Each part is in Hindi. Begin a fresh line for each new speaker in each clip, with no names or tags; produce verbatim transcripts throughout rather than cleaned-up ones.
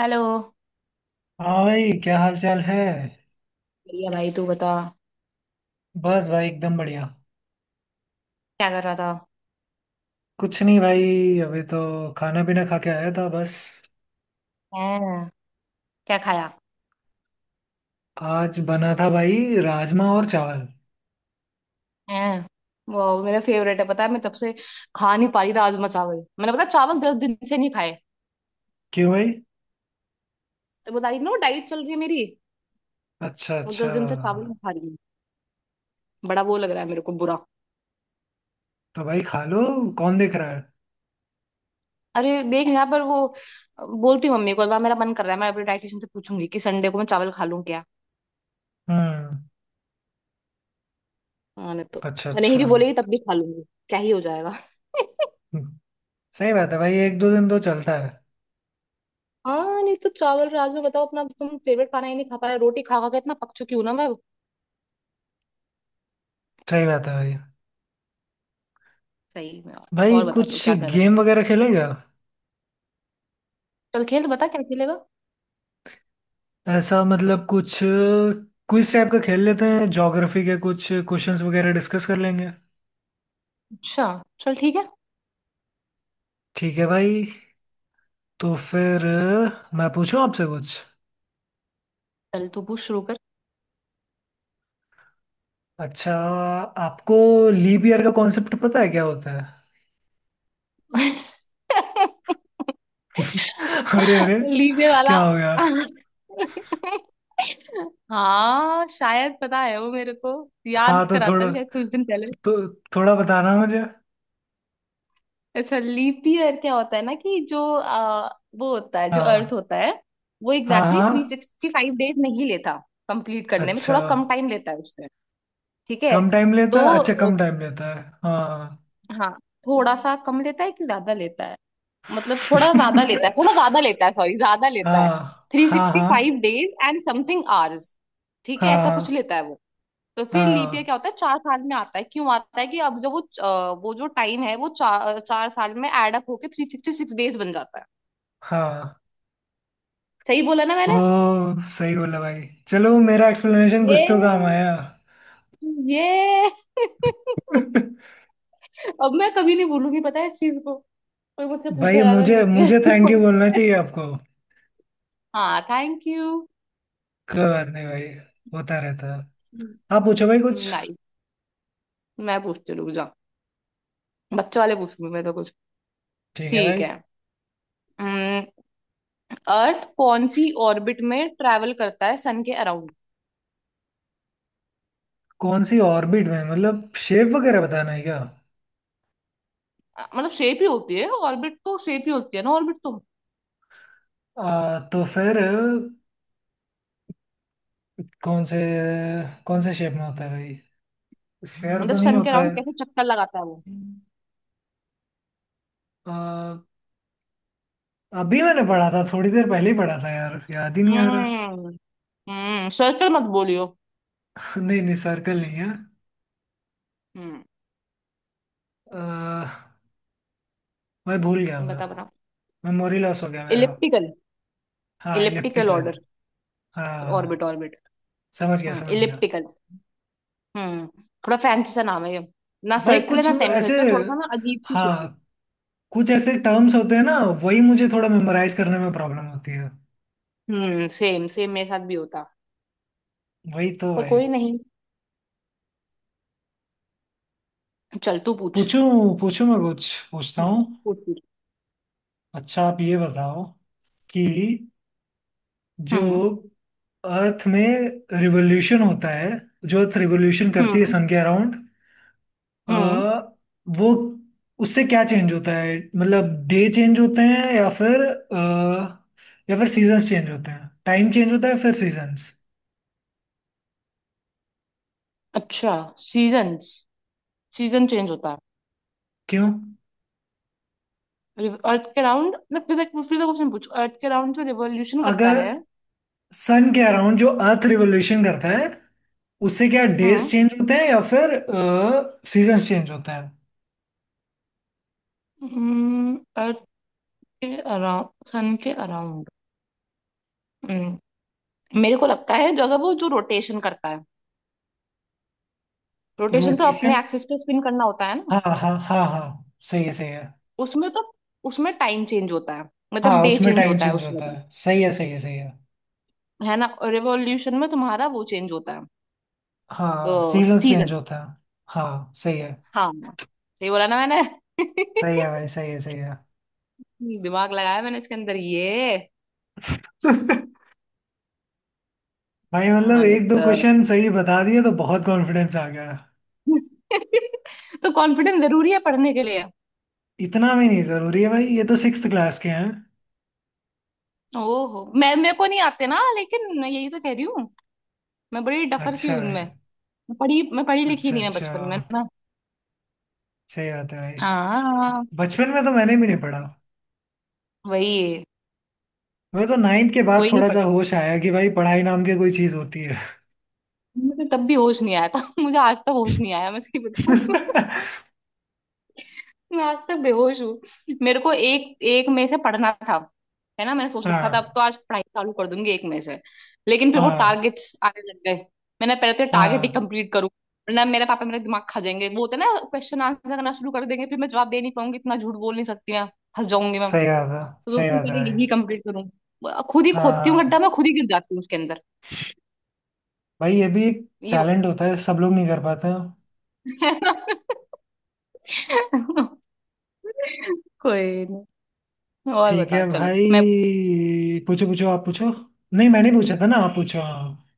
हेलो।
हाँ भाई, क्या हाल चाल है।
बढ़िया भाई, तू बता
बस भाई, एकदम बढ़िया।
क्या कर रहा था?
कुछ नहीं भाई, अभी तो खाना पीना खा के आया था बस।
हैं? क्या खाया?
आज बना था भाई, राजमा और चावल।
हैं, वो मेरा फेवरेट है। पता है मैं तब से खा नहीं पा रही राजमा चावल, मैंने, पता है, चावल दस दिन से नहीं खाए।
क्यों भाई।
तो बता रही थी ना वो डाइट चल रही है मेरी।
अच्छा
वो
अच्छा।
दस दिन से चावल नहीं खा रही हूँ। बड़ा वो लग रहा है मेरे को बुरा।
तो भाई खा लो, कौन देख रहा है।
अरे देख यहाँ पर वो, बोलती हूँ मम्मी को एक बार, मेरा मन कर रहा है मैं अपने डाइटिशियन से पूछूंगी कि संडे को मैं चावल खा लूँ क्या।
हम्म।
मैंने तो,
अच्छा
नहीं
अच्छा।
भी बोलेगी तब भी खा लूंगी। क्या ही हो जाएगा।
हम्म। सही बात है भाई, एक दो दिन तो चलता है।
हाँ नहीं तो चावल, रात में बताओ, अपना तुम फेवरेट खाना ही नहीं खा पा रहे, रोटी खा खा के इतना पक चुकी हूँ ना मैं।
सही बात है भाई।
सही में। और
भाई
और बता तू
कुछ
क्या कर रहा है।
गेम वगैरह खेलेगा।
चल खेल बता क्या खेलेगा।
ऐसा, मतलब कुछ क्विज टाइप का खेल लेते हैं, ज्योग्राफी के कुछ क्वेश्चंस वगैरह डिस्कस कर लेंगे।
अच्छा, चल ठीक है।
ठीक है भाई। तो फिर अ, मैं पूछूं आपसे कुछ।
चल तू पूछ शुरू कर।
अच्छा। आपको लीप ईयर का कॉन्सेप्ट पता है, क्या होता है। अरे अरे,
लीजे वाला।
क्या हो गया।
हाँ शायद पता है वो मेरे को,
हाँ
याद
तो
करा
थोड़ा,
था शायद कुछ दिन पहले।
तो थोड़ा बताना मुझे।
अच्छा, लीप ईयर क्या होता है ना कि जो आ, वो होता है जो अर्थ
हाँ
होता है, वो
हाँ
एग्जैक्टली
हाँ।
थ्री सिक्सटी फाइव डेज नहीं लेता कंप्लीट करने में,
अच्छा,
थोड़ा कम टाइम लेता है उसमें। ठीक है।
कम टाइम लेता है। अच्छा,
तो
कम टाइम लेता है हाँ।
हाँ, थोड़ा सा कम लेता है कि ज्यादा लेता है, मतलब थोड़ा ज्यादा लेता है, थोड़ा ज्यादा लेता है, सॉरी ज्यादा लेता है।
हाँ
थ्री
हाँ
सिक्सटी फाइव
हाँ
डेज एंड समथिंग आवर्स। ठीक है ऐसा कुछ
हाँ
लेता है वो। तो फिर लीप ईयर क्या होता है, चार साल में आता है, क्यों आता है कि अब जब वो अ, वो जो टाइम है वो चार चार साल में एड अप होके थ्री सिक्सटी सिक्स डेज बन जाता है।
हाँ हाँ।
सही बोला ना
ओ,
मैंने?
सही बोला भाई, चलो मेरा एक्सप्लेनेशन
ये
कुछ तो काम आया।
ये अब मैं कभी नहीं भूलूंगी पता है इस चीज को। कोई मुझसे
भाई
पूछा जा रहा
मुझे
लीप ईयर।
मुझे थैंक यू बोलना चाहिए आपको।
हाँ थैंक यू।
कोई बात नहीं भाई, होता रहता है। आप पूछो भाई कुछ।
नाइस। मैं पूछती हूँ, रुक जाओ। बच्चों वाले पूछूंगी मैं तो कुछ।
ठीक है
ठीक
भाई।
है। अर्थ कौन सी ऑर्बिट में ट्रैवल करता है सन के अराउंड?
कौन सी ऑर्बिट में, मतलब शेप वगैरह बताना है क्या।
मतलब शेप ही होती है ऑर्बिट तो, शेप ही होती है ना ऑर्बिट तो।
आ, तो फिर, कौन से कौन से शेप में होता है भाई। स्फेयर तो
मतलब
नहीं
सन के
होता है।
अराउंड कैसे चक्कर लगाता है वो।
आ, अभी मैंने पढ़ा था, थोड़ी देर पहले ही पढ़ा था यार, याद ही नहीं आ रहा।
हम्म। हम्म, सर्कल मत बोलियो।
नहीं नहीं, सर्कल नहीं है।
हम्म।
आ, मैं भूल गया। मैं
बता बता।
मेमोरी लॉस हो गया मेरा।
इलिप्टिकल।
हाँ,
इलिप्टिकल
इलिप्टिकल।
ऑर्डर। ऑर्बिट
हाँ।
ऑर्बिट।
समझ गया
हम्म,
समझ गया।
इलिप्टिकल। हम्म। थोड़ा फैंसी सा नाम है ये। ना
भाई
सर्कल है
कुछ
ना सेमी
ऐसे,
सर्कल, थोड़ा सा ना अजीब सी shape।
हाँ, कुछ ऐसे टर्म्स होते हैं ना, वही मुझे थोड़ा मेमोराइज करने में प्रॉब्लम होती है।
हम्म, सेम सेम मेरे साथ भी होता।
वही तो
पर
भाई।
कोई नहीं, चल तू पूछ।
पूछूं पूछूं, मैं कुछ पूछता
हम्म।
हूँ।
पूछ पूछ।
अच्छा आप ये बताओ कि जो
हम्म।
अर्थ में रिवोल्यूशन होता है, जो अर्थ रिवोल्यूशन करती है
हम्म।
सन के अराउंड,
हम्म।
वो, उससे क्या चेंज होता है, मतलब डे चेंज होते हैं या फिर अ, या फिर सीजन्स चेंज होते हैं, टाइम चेंज होता है फिर सीजन्स।
अच्छा, सीजन्स। सीजन चेंज होता
क्यों।
है अर्थ के राउंड, मैं फिर एक फिर क्वेश्चन पूछ, अर्थ के राउंड जो रिवोल्यूशन करता
अगर
है।
सन के अराउंड जो अर्थ रिवोल्यूशन करता है, उससे क्या डेज
हम्म।
चेंज होते हैं या फिर सीजन चेंज होते हैं।
अर्थ के अराउंड, सन के अराउंड। हम्म। मेरे को लगता है जो, अगर वो जो रोटेशन करता है, रोटेशन तो अपने
रोटेशन,
एक्सिस पे स्पिन करना होता है ना।
हाँ हाँ हाँ हाँ, सही है सही है।
उसमें तो, उसमें टाइम चेंज होता है, मतलब
हाँ,
डे
उसमें
चेंज
टाइम
होता है
चेंज
उसमें
होता
तो।
है, सही है सही है सही है।
है ना। रिवॉल्यूशन में तुम्हारा वो चेंज होता
हाँ,
है,
सीजन चेंज
सीजन।
होता है। हाँ, सही है।
हाँ। सही बोला ना मैंने?
सही है भाई, सही है सही है।
दिमाग लगाया मैंने इसके अंदर ये।
भाई मतलब
हाँ नहीं
एक दो
तो।
क्वेश्चन सही बता दिए तो बहुत कॉन्फिडेंस आ गया।
तो कॉन्फिडेंस जरूरी है पढ़ने के लिए।
इतना भी नहीं जरूरी है भाई, ये तो सिक्स क्लास के हैं।
ओहो मैं, मेरे को नहीं आते ना लेकिन, मैं यही तो कह रही हूँ मैं बड़ी डफर सी हूँ
अच्छा भाई।
उनमें। मैं पढ़ी मैं पढ़ी लिखी
अच्छा
नहीं, मैं
अच्छा,
बचपन में ना।
सही बात है भाई।
हाँ
बचपन में तो मैंने भी नहीं पढ़ा।
वही।
मैं तो नाइन्थ के बाद
कोई नहीं
थोड़ा सा
पढ़ता।
होश आया कि भाई, पढ़ाई नाम की कोई चीज होती है।
मुझे तब भी होश नहीं आया था। मुझे आज तक होश नहीं आया, मैं सही बताऊँ। मैं आज तक बेहोश हूँ। मेरे को एक एक मई से पढ़ना था, है ना, मैंने सोच रखा था अब
हाँ
तो आज पढ़ाई चालू कर दूंगी एक मई से, लेकिन फिर वो
हाँ
टारगेट्स आने लग गए। मैंने पहले तो टारगेट ही
हाँ।
कंप्लीट करूँ, वरना मेरे पापा मेरा दिमाग खा जाएंगे, वो होता है ना, क्वेश्चन आंसर करना शुरू कर देंगे, फिर मैं जवाब दे नहीं पाऊंगी, इतना झूठ बोल नहीं सकती मैं, फंस जाऊंगी मैं।
सही बात है।
तो
सही
सोचती हूँ
बात है
पहले
भाई।
यही कंप्लीट करूँ। खुद ही खोदती हूँ गड्ढा
हाँ
मैं, खुद ही गिर जाती हूँ उसके अंदर।
भाई, ये भी एक
ये होता
टैलेंट
है।
होता है, सब लोग नहीं कर पाते।
कोई नहीं। और
ठीक
बता।
है
चल मैं,
भाई, पूछो पूछो, आप पूछो। नहीं मैंने पूछा था ना, आप पूछो हाँ।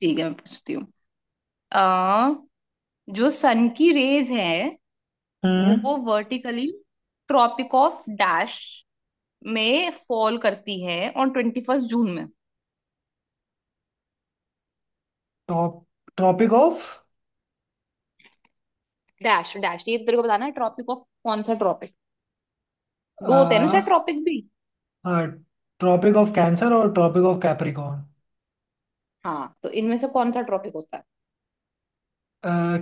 ठीक है मैं पूछती हूँ। आ जो सन की रेज है, वो
हम्म।
वर्टिकली ट्रॉपिक ऑफ डैश में फॉल करती है ऑन ट्वेंटी फर्स्ट जून में।
Top, tropic of.
Dash dash ये तेरे को बताना है ट्रॉपिक ऑफ कौन सा ट्रॉपिक, दो होते हैं ना
हाँ,
शायद ट्रॉपिक भी।
ट्रॉपिक ऑफ कैंसर और ट्रॉपिक ऑफ कैप्रिकॉर्न।
हाँ तो इनमें से कौन सा ट्रॉपिक होता है?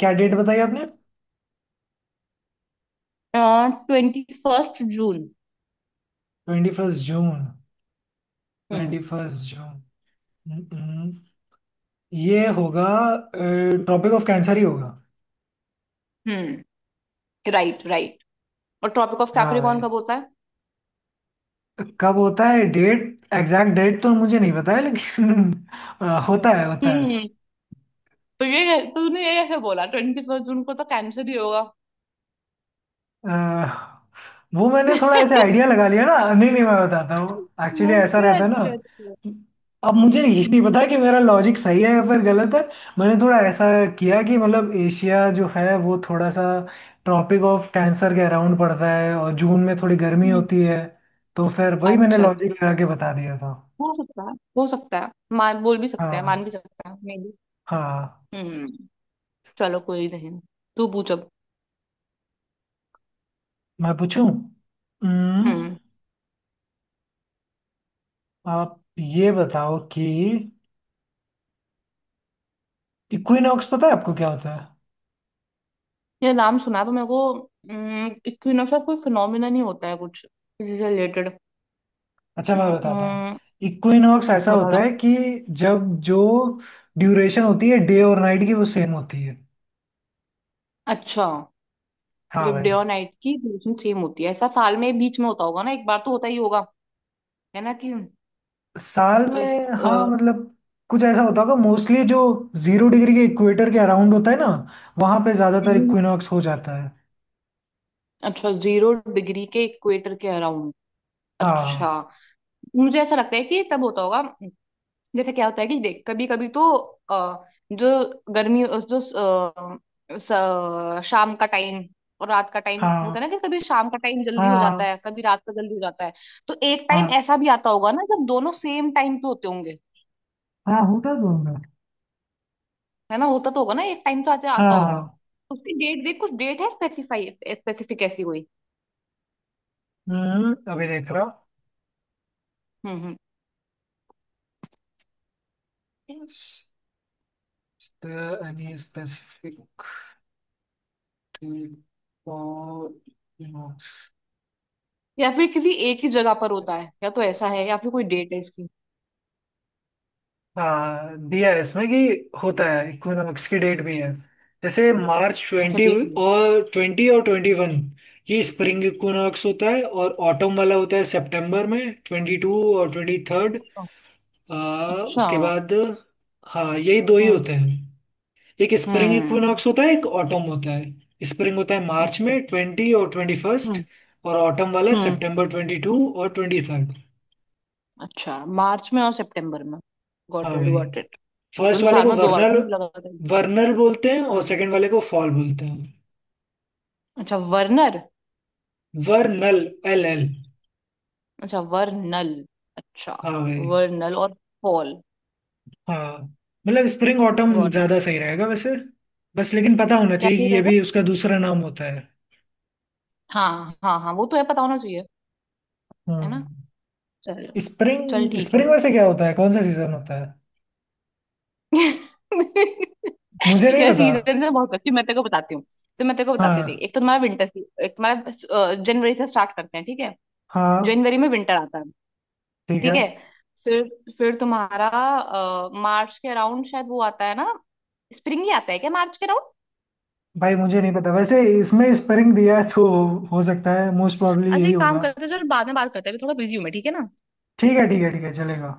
क्या डेट बताई आपने।
Twenty first June.
Twenty first June.
हम्म।
Twenty first June. हम्म, हम्म। ये होगा, ट्रॉपिक ऑफ कैंसर ही होगा।
हम्म, राइट राइट। और ट्रॉपिक ऑफ
हाँ
कैप्रिकॉर्न
भाई,
कब होता है?
कब होता है डेट। एग्जैक्ट डेट तो मुझे नहीं पता है लेकिन अ,
हम्म।
होता है होता है।
हम्म, तो ये तूने ये कैसे बोला ट्वेंटी फर्स्ट जून को तो कैंसर ही होगा?
अह, वो मैंने थोड़ा ऐसे आइडिया लगा लिया ना, नहीं नहीं, मैं बताता हूँ, एक्चुअली ऐसा
अच्छा
रहता है ना
अच्छा अच्छा।
कि, अब मुझे
हम्म।
ये नहीं पता कि मेरा लॉजिक सही है या फिर गलत है। मैंने थोड़ा ऐसा किया कि, मतलब एशिया जो है वो थोड़ा सा ट्रॉपिक ऑफ कैंसर के अराउंड पड़ता है, और जून में थोड़ी गर्मी
हम्म।
होती है, तो फिर वही मैंने
अच्छा अच्छा।
लॉजिक लगा के बता दिया था।
हो सकता है हो सकता है। मान बोल भी सकते हैं, मान
हाँ
भी सकते हैं, मे बी।
हाँ।
हम्म। चलो कोई नहीं, तू पूछ अब।
मैं पूछूं। हम्म।
हम्म।
आप ये बताओ कि इक्विनॉक्स पता है आपको क्या होता है।
ये नाम सुना है पर मेरे को, इक्विनोक्स का कोई फिनोमिना नहीं होता है कुछ इससे रिलेटेड?
अच्छा मैं बताता हूँ। इक्विनॉक्स ऐसा
बता
होता
दो।
है कि जब जो ड्यूरेशन होती है डे और नाइट की, वो सेम होती है।
अच्छा,
हाँ
जब डे
भाई।
और नाइट की ड्यूरेशन सेम होती है, ऐसा साल में बीच में होता होगा ना, एक बार तो होता ही होगा, है ना कि
साल
अ,
में, हाँ,
अ,
मतलब कुछ ऐसा होता होगा। मोस्टली जो जीरो डिग्री के इक्वेटर के अराउंड होता है ना, वहां पे ज्यादातर इक्विनॉक्स हो जाता है।
अच्छा जीरो डिग्री के इक्वेटर के अराउंड। अच्छा।
हाँ।
मुझे ऐसा लगता है कि तब होता होगा, जैसे क्या होता है कि देख, कभी कभी तो अ, जो गर्मी जो अ, स- शाम का टाइम और रात का टाइम होता है
हाँ
ना, कि कभी शाम का टाइम जल्दी हो जाता
हाँ
है, कभी रात का जल्दी हो जाता है, तो एक टाइम
हाँ,
ऐसा भी आता होगा ना जब दोनों सेम टाइम पे होते होंगे।
हाँ होता तो होगा।
है ना, होता तो होगा ना, एक टाइम तो आते
हाँ
आता होगा।
हाँ।
उसकी डेट देख, कुछ डेट है स्पेसिफाई स्पेसिफिक ऐसी कोई।
हम्म, अभी देख रहा हूँ।
हम्म। हम्म,
एनी स्पेसिफिक।
या फिर किसी एक ही जगह पर होता है, या तो
तो
ऐसा है या फिर कोई डेट है इसकी।
हाँ, दिया है इसमें कि होता है, इक्विनॉक्स की डेट भी है, जैसे मार्च
अच्छा
ट्वेंटी
डेट है।
और ट्वेंटी और ट्वेंटी वन। ये स्प्रिंग इक्विनॉक्स होता है, और ऑटम वाला होता है सितंबर में, ट्वेंटी टू और ट्वेंटी थर्ड।
अच्छा।
आ,
अच्छा।
उसके बाद, हाँ यही दो ही
हम्म।
होते हैं। एक स्प्रिंग
हम्म।
इक्विनॉक्स होता है, एक ऑटम होता है। स्प्रिंग होता है मार्च
अच्छा।
में ट्वेंटी और ट्वेंटी फर्स्ट,
हम्म।
और ऑटम वाला
हम्म।
सितंबर ट्वेंटी टू और ट्वेंटी थर्ड।
अच्छा, मार्च में और सितंबर में।
हाँ
गॉट इट
भाई।
Got it. तो तो
फर्स्ट वाले
साल
को
में दो बार होता
वर्नल,
है, मुझे लगा था।
वर्नल बोलते हैं, और
हम्म।
सेकंड वाले को फॉल बोलते हैं।
अच्छा वर्नर।
वर्नल, L L.
अच्छा वर्नल। अच्छा
हाँ भाई।
वर्नल और फॉल।
हाँ मतलब स्प्रिंग ऑटम
गॉट इट।
ज्यादा सही रहेगा वैसे। बस लेकिन पता होना
क्या
चाहिए
सही
कि ये
रहेगा?
भी उसका दूसरा नाम होता है।
हाँ हाँ हाँ, वो तो है, पता होना चाहिए।
हाँ।
है ना, चलो। चल
स्प्रिंग,
ठीक है,
स्प्रिंग
बस।
वैसे क्या होता है, कौन सा सीजन होता है। मुझे नहीं
यार
पता।
सीजन से बहुत अच्छी मैं तेरे को बताती हूँ, तो मैं तेरे को बताती हूँ देख,
हाँ
एक तो तुम्हारा विंटर, एक तुम्हारा, जनवरी से स्टार्ट करते हैं ठीक है।
हाँ।
जनवरी में विंटर आता है।
ठीक
ठीक
है
है। फिर फिर तुम्हारा अ, मार्च के अराउंड शायद वो आता है ना, स्प्रिंग ही आता है क्या मार्च के अराउंड।
भाई, मुझे नहीं पता वैसे, इसमें स्प्रिंग दिया है तो हो सकता है मोस्ट प्रॉब्ली
अच्छा
यही
एक काम
होगा।
करते हैं, चल बाद में बात करते हैं, अभी थोड़ा बिजी हूँ मैं, ठीक है ना।
ठीक है ठीक है ठीक है चलेगा।